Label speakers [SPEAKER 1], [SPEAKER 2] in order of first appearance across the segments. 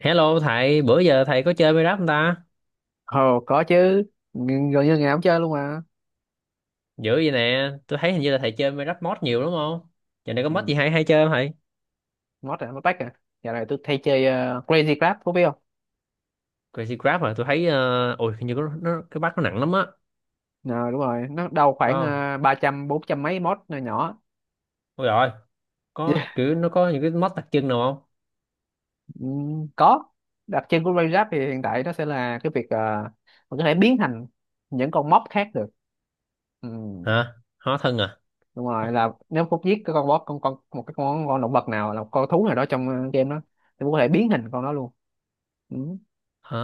[SPEAKER 1] Hello thầy, bữa giờ thầy có chơi Minecraft không ta?
[SPEAKER 2] Ồ, có chứ. Gần như ngày nào cũng chơi luôn mà.
[SPEAKER 1] Dữ vậy nè, tôi thấy hình như là thầy chơi Minecraft mod nhiều đúng không? Giờ này có mod gì
[SPEAKER 2] ừ.
[SPEAKER 1] hay hay chơi không thầy?
[SPEAKER 2] Mod à, mod pack à? Giờ này tôi thay chơi Crazy Club, có biết không?
[SPEAKER 1] Crazy Craft mà tôi thấy, ôi hình như có, nó, cái bắt nó nặng lắm á,
[SPEAKER 2] Ờ, đúng rồi, nó đâu
[SPEAKER 1] phải
[SPEAKER 2] khoảng
[SPEAKER 1] không?
[SPEAKER 2] ba trăm bốn trăm mấy mod nhỏ nhỏ.
[SPEAKER 1] Ôi rồi, có kiểu nó có những cái mod đặc trưng nào không?
[SPEAKER 2] Ừ, có. Đặc trưng của Crazy Club thì hiện tại nó sẽ là cái việc mình có thể biến thành những con mob khác được. Ừ.
[SPEAKER 1] Hả? Hóa thân à?
[SPEAKER 2] Đúng rồi, là nếu Phúc giết cái con boss, con một cái con động vật nào, là một con thú nào đó trong game đó, thì Phúc có thể biến hình con đó luôn. Ừ.
[SPEAKER 1] À,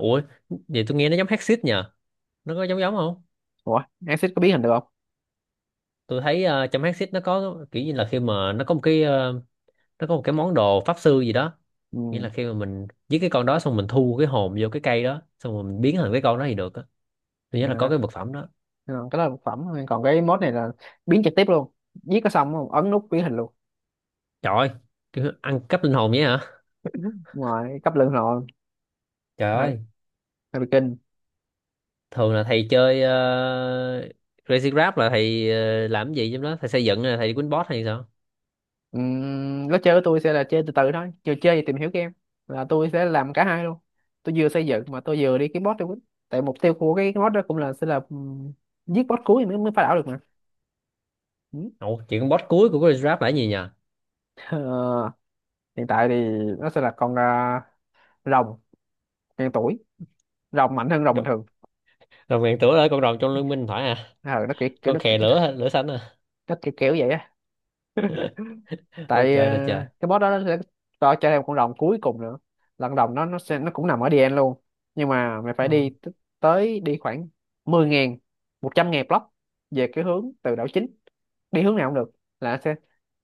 [SPEAKER 1] ủa, vậy tôi nghe nó giống Hexit nhờ, nó có giống giống không?
[SPEAKER 2] Ủa, Axis có biến hình được không?
[SPEAKER 1] Tôi thấy trong Hexit nó có kiểu như là khi mà nó có một cái nó có một cái món đồ pháp sư gì đó, nghĩa là khi mà mình giết cái con đó xong mình thu cái hồn vô cái cây đó xong rồi mình biến thành cái con đó thì được á, thứ nhất là
[SPEAKER 2] Ừ.
[SPEAKER 1] có
[SPEAKER 2] À.
[SPEAKER 1] cái vật phẩm đó.
[SPEAKER 2] Ờ, cái đó là một phẩm thôi, còn cái mode này là biến trực tiếp luôn, giết có xong không, ấn nút biến hình luôn.
[SPEAKER 1] Trời ơi, cái ăn cắp linh hồn vậy hả?
[SPEAKER 2] Ngoài cấp lượng rồi.
[SPEAKER 1] Trời
[SPEAKER 2] Hơi,
[SPEAKER 1] ơi.
[SPEAKER 2] hơi bị kinh.
[SPEAKER 1] Thường là thầy chơi uh, Crazy Grab là thầy làm cái gì trong đó, thầy xây dựng là thầy quýnh boss hay sao?
[SPEAKER 2] Lối chơi của tôi sẽ là chơi từ từ thôi, vừa chơi vừa tìm hiểu game, là tôi sẽ làm cả hai luôn. Tôi vừa xây dựng mà tôi vừa đi kiếm boss luôn, tại mục tiêu của cái boss đó cũng là sẽ là giết boss cuối mới mới phá đảo được mà. Ừm.
[SPEAKER 1] Ồ, chuyện con boss cuối của Crazy Grab là cái gì nhờ?
[SPEAKER 2] Ờ, hiện tại thì nó sẽ là con à, rồng ngàn tuổi, rồng mạnh hơn rồng bình
[SPEAKER 1] Đồ-
[SPEAKER 2] thường.
[SPEAKER 1] đồng ngàn tửa là con rồng trong liên minh phải à?
[SPEAKER 2] Ờ,
[SPEAKER 1] Con khè lửa hả? Lửa xanh à?
[SPEAKER 2] nó kiểu kiểu vậy á.
[SPEAKER 1] Ôi
[SPEAKER 2] Tại
[SPEAKER 1] trời là trời.
[SPEAKER 2] cái boss đó nó sẽ cho thêm con rồng cuối cùng nữa, là con rồng nó cũng nằm ở DN luôn, nhưng mà mày phải
[SPEAKER 1] Ừ.
[SPEAKER 2] tới đi khoảng 10 ngàn 100 ngàn block về cái hướng từ đảo chính, đi hướng nào cũng được, là nó sẽ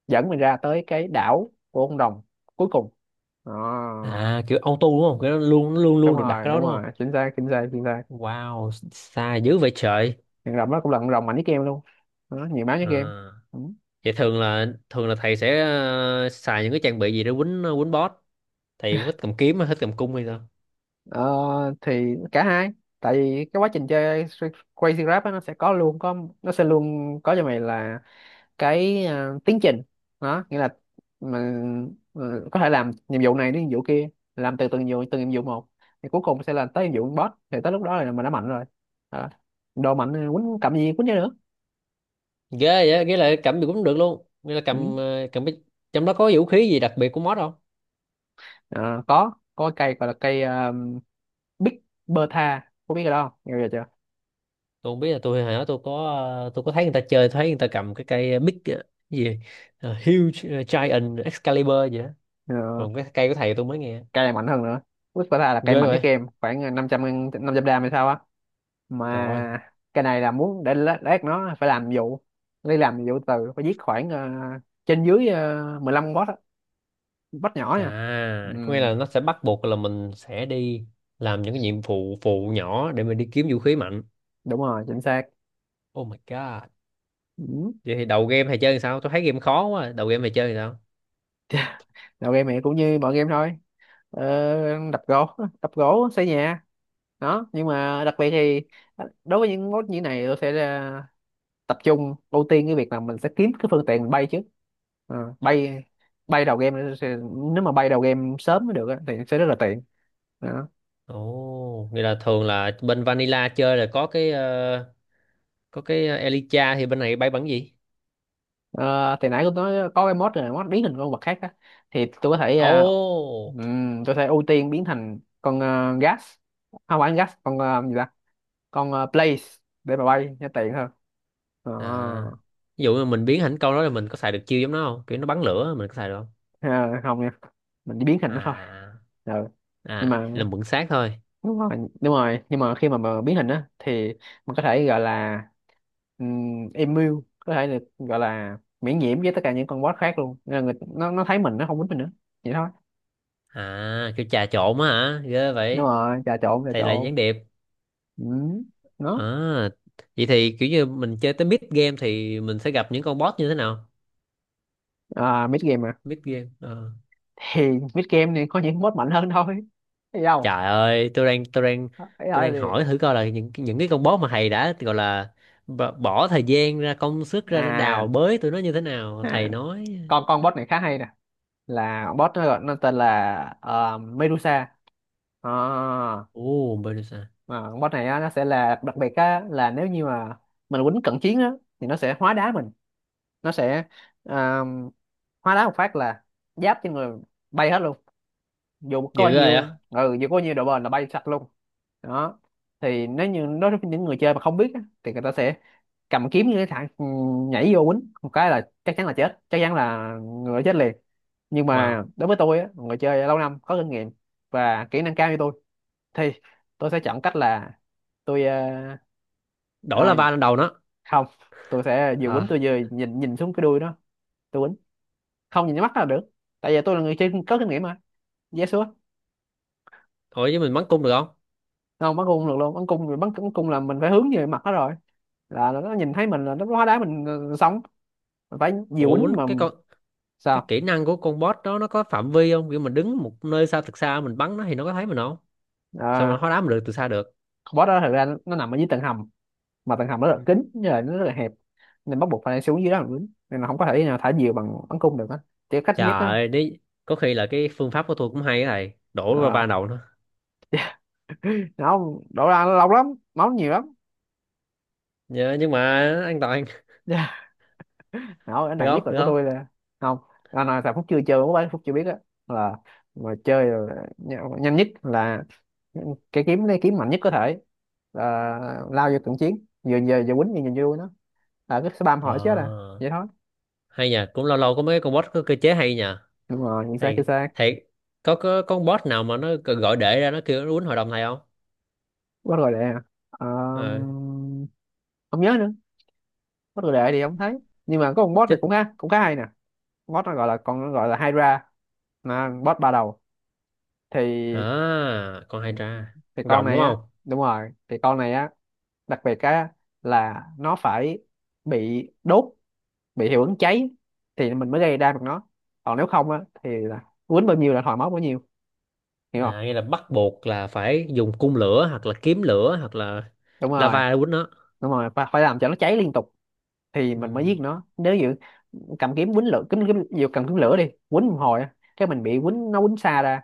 [SPEAKER 2] dẫn mình ra tới cái đảo của con rồng cuối cùng đó.
[SPEAKER 1] À, kiểu auto đúng không, cái đó luôn nó luôn
[SPEAKER 2] Đúng
[SPEAKER 1] luôn được đặt,
[SPEAKER 2] rồi,
[SPEAKER 1] cái đó
[SPEAKER 2] đúng
[SPEAKER 1] đúng không?
[SPEAKER 2] rồi, chính xác, chính xác, chính xác.
[SPEAKER 1] Wow, xa dữ vậy trời.
[SPEAKER 2] Con rồng đó cũng là con rồng mạnh nhất game luôn, đó, nhiều máu nhất
[SPEAKER 1] À.
[SPEAKER 2] game. Ừ.
[SPEAKER 1] Vậy thường là thầy sẽ xài những cái trang bị gì để quýnh quýnh boss? Thầy thích cầm kiếm hay thích cầm cung hay sao?
[SPEAKER 2] Ờ, thì cả hai. Tại vì cái quá trình chơi Crazy Rap á, nó sẽ luôn có nó sẽ luôn có cho mày là cái à, tiến trình đó, nghĩa là mình có thể làm nhiệm vụ này đến nhiệm vụ kia, làm từng nhiệm vụ một, thì cuối cùng sẽ là tới nhiệm vụ boss, thì tới lúc đó là mình đã mạnh rồi. Đó. Đồ mạnh thì quýnh cầm gì quýnh cho nữa.
[SPEAKER 1] Ghê vậy, ghê là cầm gì cũng được luôn. Nghĩa là cầm
[SPEAKER 2] Ừ.
[SPEAKER 1] cầm cái trong đó có vũ khí gì đặc biệt của boss không?
[SPEAKER 2] Ờ, có cái cây gọi là cây uh, Big Bertha, có biết cái đó không, nghe bao giờ chưa?
[SPEAKER 1] Tôi không biết là tôi hả, tôi có tôi có thấy người ta chơi, thấy người ta cầm cái cây cái gì? Ờ, huge giant Excalibur gì đó.
[SPEAKER 2] Ờ,
[SPEAKER 1] Còn cái cây của thầy tôi mới nghe.
[SPEAKER 2] cay mạnh hơn nữa. Whisper tha là cây
[SPEAKER 1] Ghê
[SPEAKER 2] mạnh nhất
[SPEAKER 1] vậy.
[SPEAKER 2] game, khoảng 500 gram hay sao á.
[SPEAKER 1] Trời ơi.
[SPEAKER 2] Mà cái này là muốn để lát lát nó phải làm vụ, đi làm vụ từ phải giết khoảng trên dưới 15 boss á, boss nhỏ nha. Ừ,
[SPEAKER 1] À, có nghĩa là nó sẽ bắt buộc là mình sẽ đi làm những cái nhiệm vụ phụ nhỏ để mình đi kiếm vũ khí mạnh.
[SPEAKER 2] đúng rồi chính xác.
[SPEAKER 1] Oh my god.
[SPEAKER 2] Ừ.
[SPEAKER 1] Vậy thì đầu game thầy chơi làm sao? Tôi thấy game khó quá. Đầu game thầy chơi làm sao?
[SPEAKER 2] Đầu game này cũng như mọi game thôi, đập gỗ đập gỗ xây nhà. Đó, nhưng mà đặc biệt thì đối với những mốt như này tôi sẽ tập trung ưu tiên cái việc là mình sẽ kiếm cái phương tiện mình bay trước. Ờ, bay, bay đầu game thì- nếu mà bay đầu game sớm mới được á, thì sẽ rất là tiện. Đó.
[SPEAKER 1] Ồ, nghĩa là thường là bên Vanilla chơi là có cái có cái Elytra thì bên này bay bắn gì?
[SPEAKER 2] Ờ, thì nãy tôi nói có cái mod rồi, mod biến thành con vật khác á, thì tôi có thể
[SPEAKER 1] Ồ.
[SPEAKER 2] tôi sẽ ưu tiên biến thành con gas, không phải gas, con gì ta, con blaze, để mà bay cho tiện hơn. Ờ,
[SPEAKER 1] À. Ví dụ như mình biến thành câu đó là mình có xài được chiêu giống nó không? Kiểu nó bắn lửa mình có xài được không?
[SPEAKER 2] à, không nha, mình chỉ biến thành nó thôi.
[SPEAKER 1] À.
[SPEAKER 2] Ờ, nhưng
[SPEAKER 1] À, là
[SPEAKER 2] mà
[SPEAKER 1] mượn xác thôi.
[SPEAKER 2] đúng rồi, đúng rồi, nhưng mà khi mà biến hình á thì mình có thể gọi là immune, có thể được gọi là miễn nhiễm với tất cả những con boss khác luôn, nên là người, nó thấy mình nó không quýnh mình nữa, vậy thôi.
[SPEAKER 1] À, kiểu trà trộn á hả? Ghê
[SPEAKER 2] Đúng
[SPEAKER 1] vậy.
[SPEAKER 2] rồi, trà trộn, trà
[SPEAKER 1] Thầy là gián
[SPEAKER 2] trộn.
[SPEAKER 1] điệp.
[SPEAKER 2] Ừ.
[SPEAKER 1] À,
[SPEAKER 2] Nó
[SPEAKER 1] vậy thì kiểu như mình chơi tới mid game thì mình sẽ gặp những con boss như thế nào?
[SPEAKER 2] à, mid game à,
[SPEAKER 1] Mid game. À.
[SPEAKER 2] thì mid game này có những boss mạnh hơn thôi, thấy không,
[SPEAKER 1] Trời ơi, tôi đang
[SPEAKER 2] thấy
[SPEAKER 1] tôi
[SPEAKER 2] thôi
[SPEAKER 1] đang
[SPEAKER 2] gì.
[SPEAKER 1] hỏi thử coi là những cái con boss mà thầy đã gọi là bỏ thời gian ra công sức ra để đào
[SPEAKER 2] À,
[SPEAKER 1] bới tụi nó như thế nào,
[SPEAKER 2] à,
[SPEAKER 1] thầy nói.
[SPEAKER 2] con boss này khá hay nè, là boss nó tên là Medusa. À,
[SPEAKER 1] Ồ, Medusa.
[SPEAKER 2] mà con boss này á, nó sẽ là đặc biệt á, là nếu như mà mình quýnh cận chiến á thì nó sẽ hóa đá mình, nó sẽ à, hóa đá một phát là giáp trên người bay hết luôn, dù có bao
[SPEAKER 1] Dữ rồi
[SPEAKER 2] nhiêu,
[SPEAKER 1] á.
[SPEAKER 2] ừ, dù có bao nhiêu độ bền là bay sạch luôn. Đó. Thì nếu như đối với những người chơi mà không biết á, thì người ta sẽ cầm kiếm như cái thằng nhảy vô quýnh một cái là chắc chắn là chết, chắc chắn là người đó chết liền. Nhưng
[SPEAKER 1] Wow.
[SPEAKER 2] mà đối với tôi á, người chơi lâu năm có kinh nghiệm và kỹ năng cao như tôi, thì tôi sẽ chọn cách là tôi
[SPEAKER 1] Đổ
[SPEAKER 2] ờ,
[SPEAKER 1] lava lên đầu nó.
[SPEAKER 2] không, tôi sẽ vừa quýnh tôi
[SPEAKER 1] Hả?
[SPEAKER 2] vừa nhìn nhìn xuống cái đuôi nó, tôi quýnh không nhìn mắt là được, tại vì tôi là người chơi có kinh nghiệm mà. Yes sure.
[SPEAKER 1] Ủa chứ mình bắn cung được không?
[SPEAKER 2] Không, bắn cung không được luôn, bắn cung, bắn cung là mình phải hướng về mặt nó rồi, là nó nhìn thấy mình là nó hóa đá mình, sống mình phải vừa
[SPEAKER 1] Ủa
[SPEAKER 2] quýnh mà.
[SPEAKER 1] quýnh, cái con cái
[SPEAKER 2] Sao?
[SPEAKER 1] kỹ năng của con boss đó nó có phạm vi không? Kiểu mình đứng một nơi xa thật xa mình bắn nó thì nó có thấy mình không? Sao mà
[SPEAKER 2] À,
[SPEAKER 1] hóa đá mình được từ xa được?
[SPEAKER 2] con boss đó thực ra nó nằm ở dưới tầng hầm, mà tầng hầm nó rất
[SPEAKER 1] Ừ.
[SPEAKER 2] là kín, như là nó rất là hẹp, nên bắt buộc phải xuống dưới đó mình quýnh, nên là không có thể nào thả diều bằng bắn cung được á, chỉ có cách duy
[SPEAKER 1] Trời
[SPEAKER 2] nhất đó.
[SPEAKER 1] ơi, đấy có khi là cái phương pháp của tôi cũng hay á thầy. Đổ lava
[SPEAKER 2] Ờ,
[SPEAKER 1] lên đầu nó.
[SPEAKER 2] không, đổ ra nó lâu lắm, máu nhiều lắm.
[SPEAKER 1] Nhưng mà an toàn
[SPEAKER 2] Dạ. Không, cái
[SPEAKER 1] được
[SPEAKER 2] này nhất
[SPEAKER 1] không
[SPEAKER 2] là
[SPEAKER 1] được
[SPEAKER 2] của
[SPEAKER 1] không?
[SPEAKER 2] tôi là không, là là thằng Phúc chưa chơi, của bán Phúc chưa biết á, là mà chơi là nhanh nhất là cái kiếm, lấy kiếm mạnh nhất có thể, là lao vô cận chiến vừa vừa vừa quýnh vừa nhìn vui nó, là cứ spam
[SPEAKER 1] Ờ,
[SPEAKER 2] hỏi chết à, vậy thôi.
[SPEAKER 1] hay nhờ, cũng lâu lâu có mấy cái con bot có cơ chế hay nhờ
[SPEAKER 2] Đúng rồi nhìn xa kia
[SPEAKER 1] thầy,
[SPEAKER 2] xa.
[SPEAKER 1] thầy có con bot nào mà nó gọi để ra nó kêu nó quýnh hội đồng thầy không?
[SPEAKER 2] Quá rồi đệ à.
[SPEAKER 1] Ờ,
[SPEAKER 2] Ờm, Không nhớ nữa. Quá rồi đệ thì không thấy. Nhưng mà có con boss này cũng
[SPEAKER 1] chích,
[SPEAKER 2] khá, cũng khá hay nè, boss nó gọi là, còn gọi là Hydra, là boss ba đầu. thì
[SPEAKER 1] à con hay tra.
[SPEAKER 2] thì
[SPEAKER 1] Con
[SPEAKER 2] con
[SPEAKER 1] rồng đúng
[SPEAKER 2] này á
[SPEAKER 1] không?
[SPEAKER 2] đúng rồi, thì con này á, đặc biệt á, là nó phải bị đốt, bị hiệu ứng cháy, thì mình mới gây ra được nó, còn nếu không á thì là quýnh bao nhiêu là thòi máu bấy nhiêu, hiểu không.
[SPEAKER 1] À nghĩa là bắt buộc là phải dùng cung lửa hoặc là kiếm lửa hoặc là
[SPEAKER 2] Đúng rồi,
[SPEAKER 1] lava để quýnh nó.
[SPEAKER 2] đúng rồi, phải làm cho nó cháy liên tục thì mình mới
[SPEAKER 1] Ừ.
[SPEAKER 2] giết nó. Nếu như cầm kiếm quýnh lửa kiếm, dù cầm kiếm lửa đi quýnh một hồi á, cái mình bị quýnh, nó quýnh xa ra,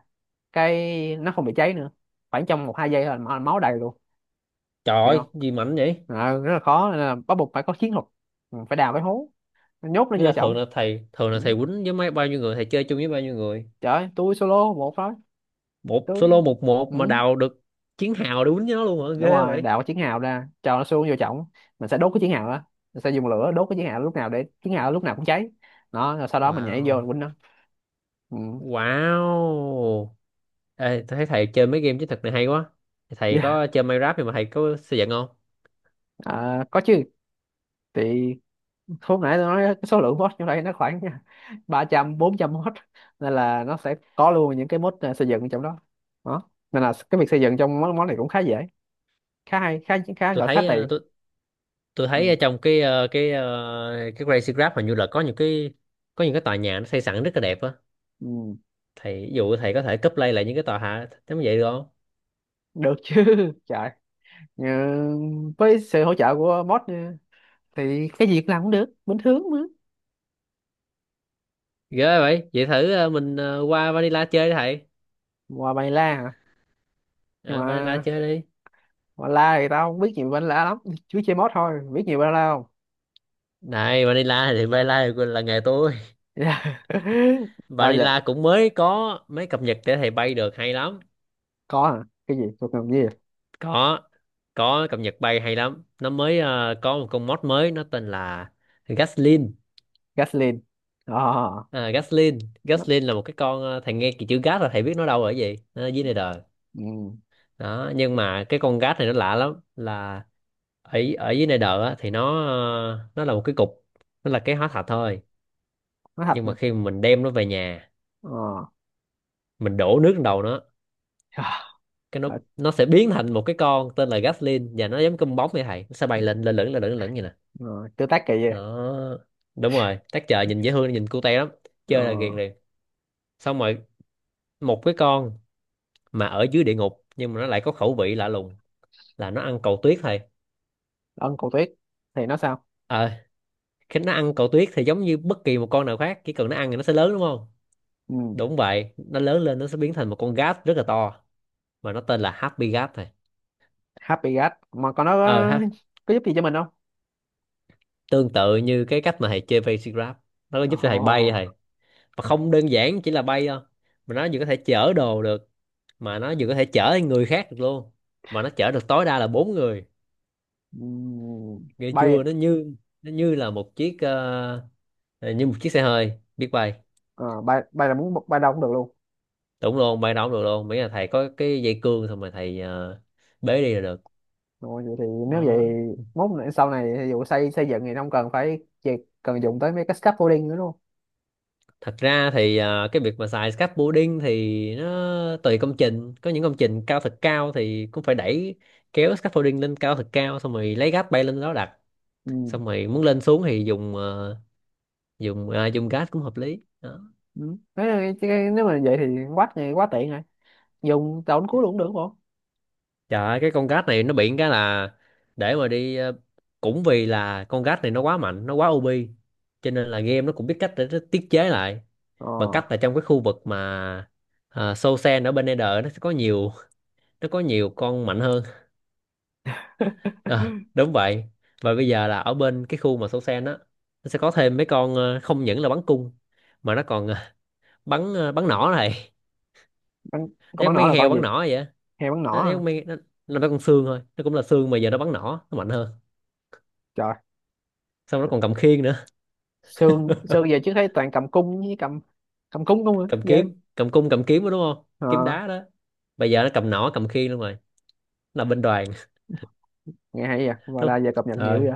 [SPEAKER 2] cái nó không bị cháy nữa, khoảng trong một hai giây là máu đầy luôn,
[SPEAKER 1] Trời
[SPEAKER 2] hiểu
[SPEAKER 1] ơi
[SPEAKER 2] không.
[SPEAKER 1] gì mạnh vậy.
[SPEAKER 2] Ờ, rất là khó nên là bắt buộc phải có chiến thuật. Ừ, phải đào cái hố, mình nhốt nó
[SPEAKER 1] Nghĩa
[SPEAKER 2] vô
[SPEAKER 1] là
[SPEAKER 2] chồng.
[SPEAKER 1] thường là
[SPEAKER 2] Ừ.
[SPEAKER 1] thầy quýnh với mấy bao nhiêu người, thầy chơi chung với bao nhiêu người?
[SPEAKER 2] Trời ơi, tôi solo một thôi.
[SPEAKER 1] Một solo
[SPEAKER 2] Tôi,
[SPEAKER 1] một một
[SPEAKER 2] ừ.
[SPEAKER 1] mà đào được chiến hào để quýnh với nó luôn hả,
[SPEAKER 2] Đúng
[SPEAKER 1] ghê
[SPEAKER 2] rồi,
[SPEAKER 1] vậy.
[SPEAKER 2] đào cái chiến hào ra cho nó xuống vô chồng, mình sẽ đốt cái chiến hào đó, mình sẽ dùng lửa đốt cái chiến hào lúc nào để chiến hào lúc nào cũng cháy nó, rồi sau đó mình nhảy vô
[SPEAKER 1] Wow.
[SPEAKER 2] mình quýnh nó. Ừ.
[SPEAKER 1] Wow. Ê, tôi thấy thầy chơi mấy game chiến thuật này hay quá. Thầy
[SPEAKER 2] Yeah.
[SPEAKER 1] có chơi Minecraft nhưng mà thầy có xây dựng không?
[SPEAKER 2] À, có chứ. Thì hôm nãy tôi nói cái số lượng mod trong đây nó khoảng ba trăm bốn trăm mod, nên là nó sẽ có luôn những cái mod à, xây dựng trong đó. Đó nên là cái việc xây dựng trong món món này cũng khá dễ, khá hay, khá khá
[SPEAKER 1] Tôi
[SPEAKER 2] gọi khá
[SPEAKER 1] thấy ờ,
[SPEAKER 2] tiện.
[SPEAKER 1] tôi tôi thấy ở
[SPEAKER 2] Ừ.
[SPEAKER 1] trong cái Crazy Graph hình như là có những cái tòa nhà nó xây sẵn rất là đẹp á.
[SPEAKER 2] Ừ.
[SPEAKER 1] Thầy ví dụ thầy có thể copy lại những cái tòa hạ giống vậy được không?
[SPEAKER 2] Được chứ. Trời. Ờ, với sự hỗ trợ của bot nha, thì cái gì cũng làm cũng được bình thường mà.
[SPEAKER 1] Ghê vậy. Vậy thử mình qua Vanilla chơi đi thầy.
[SPEAKER 2] Ngoài bài la hả? Nhưng
[SPEAKER 1] Ờ, Vanilla
[SPEAKER 2] mà
[SPEAKER 1] chơi đi.
[SPEAKER 2] ngoài la thì tao không biết nhiều bài la lắm, chú chơi bot thôi biết nhiều bài la không.
[SPEAKER 1] Này Vanilla thì Vanilla là nghề tôi.
[SPEAKER 2] Tao giờ
[SPEAKER 1] Vanilla cũng mới có mấy cập nhật để thầy bay được hay lắm.
[SPEAKER 2] có hả, cái gì thuộc ngầm gì.
[SPEAKER 1] có có cập nhật bay hay lắm, nó mới có một con mod mới nó tên là Gaslin.
[SPEAKER 2] Gasoline. Ờ,
[SPEAKER 1] À, Gaslin.
[SPEAKER 2] nó-
[SPEAKER 1] Gaslin là một cái con thầy nghe cái chữ gas là thầy biết nó đâu ở gì, nó ở dưới này đời
[SPEAKER 2] ừ.
[SPEAKER 1] đó. Nhưng mà cái con gas này nó lạ lắm là ở ở dưới này đời á, thì nó là một cái cục, nó là cái hóa thạch thôi.
[SPEAKER 2] Nó thật
[SPEAKER 1] Nhưng
[SPEAKER 2] nè.
[SPEAKER 1] mà khi mà mình đem nó về nhà
[SPEAKER 2] Ờ.
[SPEAKER 1] mình đổ nước lên đầu nó
[SPEAKER 2] Ờ,
[SPEAKER 1] cái nó sẽ biến thành một cái con tên là Gaslin, và nó giống cơm bóng vậy thầy, nó sẽ bay lên, lên lửng lên lửng lên lửng vậy nè.
[SPEAKER 2] ờ, tương tác kỳ vậy.
[SPEAKER 1] Đó, đúng rồi, tác chợ nhìn dễ thương nhìn cute lắm, chơi là ghiền
[SPEAKER 2] Ờ,
[SPEAKER 1] liền. Xong rồi một cái con mà ở dưới địa ngục nhưng mà nó lại có khẩu vị lạ lùng là nó ăn cầu tuyết thầy.
[SPEAKER 2] ân cổ tuyết thì nó sao.
[SPEAKER 1] Ờ, khi nó ăn cầu tuyết thì giống như bất kỳ một con nào khác, chỉ cần nó ăn thì nó sẽ lớn đúng không.
[SPEAKER 2] Ừ.
[SPEAKER 1] Đúng vậy, nó lớn lên nó sẽ biến thành một con gat rất là to, mà nó tên là Happy Gat thầy.
[SPEAKER 2] Happy gas mà còn nó
[SPEAKER 1] Ờ ha,
[SPEAKER 2] có giúp gì cho mình không.
[SPEAKER 1] tương tự như cái cách mà thầy chơi Basic Grab, nó có
[SPEAKER 2] Ờ.
[SPEAKER 1] giúp cho thầy bay thầy, mà không đơn giản chỉ là bay đâu, mà nó vừa có thể chở đồ được, mà nó vừa có thể chở người khác được luôn, mà nó chở được tối đa là bốn người. Nghe
[SPEAKER 2] Bay.
[SPEAKER 1] chưa, nó như nó như là một chiếc như một chiếc xe hơi biết bay.
[SPEAKER 2] À, bay, bay là muốn bay đâu cũng được luôn.
[SPEAKER 1] Đúng luôn, bay đâu cũng được luôn, miễn là thầy có cái dây cương xong rồi thầy bế đi là được.
[SPEAKER 2] Rồi vậy thì, nếu vậy
[SPEAKER 1] Nó
[SPEAKER 2] sau này ví dụ xây, xây dựng thì không cần phải chỉ cần dùng tới mấy cái scaffolding nữa luôn.
[SPEAKER 1] thật ra thì cái việc mà xài scaffolding thì nó tùy công trình, có những công trình cao thật cao thì cũng phải đẩy, kéo scaffolding lên cao thật cao xong rồi lấy gác bay lên đó đặt,
[SPEAKER 2] Ừ.
[SPEAKER 1] xong rồi muốn lên xuống thì dùng ờ, dùng à, dùng gác cũng hợp lý đó.
[SPEAKER 2] Ừ. Thế là cái- nếu mà vậy thì quá, thì quá tiện rồi, dùng tàu đánh cuối luôn cũng được không.
[SPEAKER 1] Trời ơi, cái con gát này nó bị cái là để mà đi cũng vì là con gát này nó quá mạnh, nó quá OP, cho nên là game nó cũng biết cách để nó tiết chế lại bằng
[SPEAKER 2] Ờ,
[SPEAKER 1] cách là trong cái khu vực mà Soul Sand ở bên Ender nó sẽ có nhiều nó có nhiều con mạnh hơn. Ờ, đúng vậy. Và bây giờ là ở bên cái khu mà Soul Sand á, nó sẽ có thêm mấy con không những là bắn cung, mà nó còn bắn nỏ này.
[SPEAKER 2] bắn, con
[SPEAKER 1] Nó
[SPEAKER 2] bắn
[SPEAKER 1] giống mấy
[SPEAKER 2] nỏ
[SPEAKER 1] con
[SPEAKER 2] là
[SPEAKER 1] heo
[SPEAKER 2] con gì,
[SPEAKER 1] bắn nỏ vậy á.
[SPEAKER 2] heo bắn
[SPEAKER 1] Nó
[SPEAKER 2] nỏ hả?
[SPEAKER 1] giống mấy nó con xương thôi, nó cũng là xương mà giờ nó bắn nỏ, nó mạnh hơn.
[SPEAKER 2] Trời,
[SPEAKER 1] Xong nó còn cầm khiên nữa.
[SPEAKER 2] xương xương về chứ thấy toàn cầm cung với cầm, cầm cung, không rồi
[SPEAKER 1] Cầm
[SPEAKER 2] vậy.
[SPEAKER 1] kiếm cầm cung, cầm kiếm đó đúng không,
[SPEAKER 2] Ờ,
[SPEAKER 1] kiếm đá đó, bây giờ nó cầm nỏ cầm khiên luôn rồi, nó là binh đoàn.
[SPEAKER 2] nghe hay vậy và
[SPEAKER 1] Đúng
[SPEAKER 2] là
[SPEAKER 1] không?
[SPEAKER 2] giờ cập nhật nhiều
[SPEAKER 1] Rồi,
[SPEAKER 2] vậy.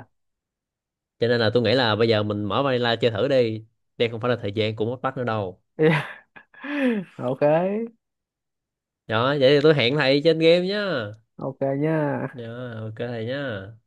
[SPEAKER 1] cho nên là tôi nghĩ là bây giờ mình mở Vanilla chơi thử đi, đây không phải là thời gian của mất bắt nữa đâu
[SPEAKER 2] OK.
[SPEAKER 1] đó. Vậy thì tôi hẹn thầy trên game nhá.
[SPEAKER 2] OK
[SPEAKER 1] Dạ,
[SPEAKER 2] nha.
[SPEAKER 1] ok thầy nhá.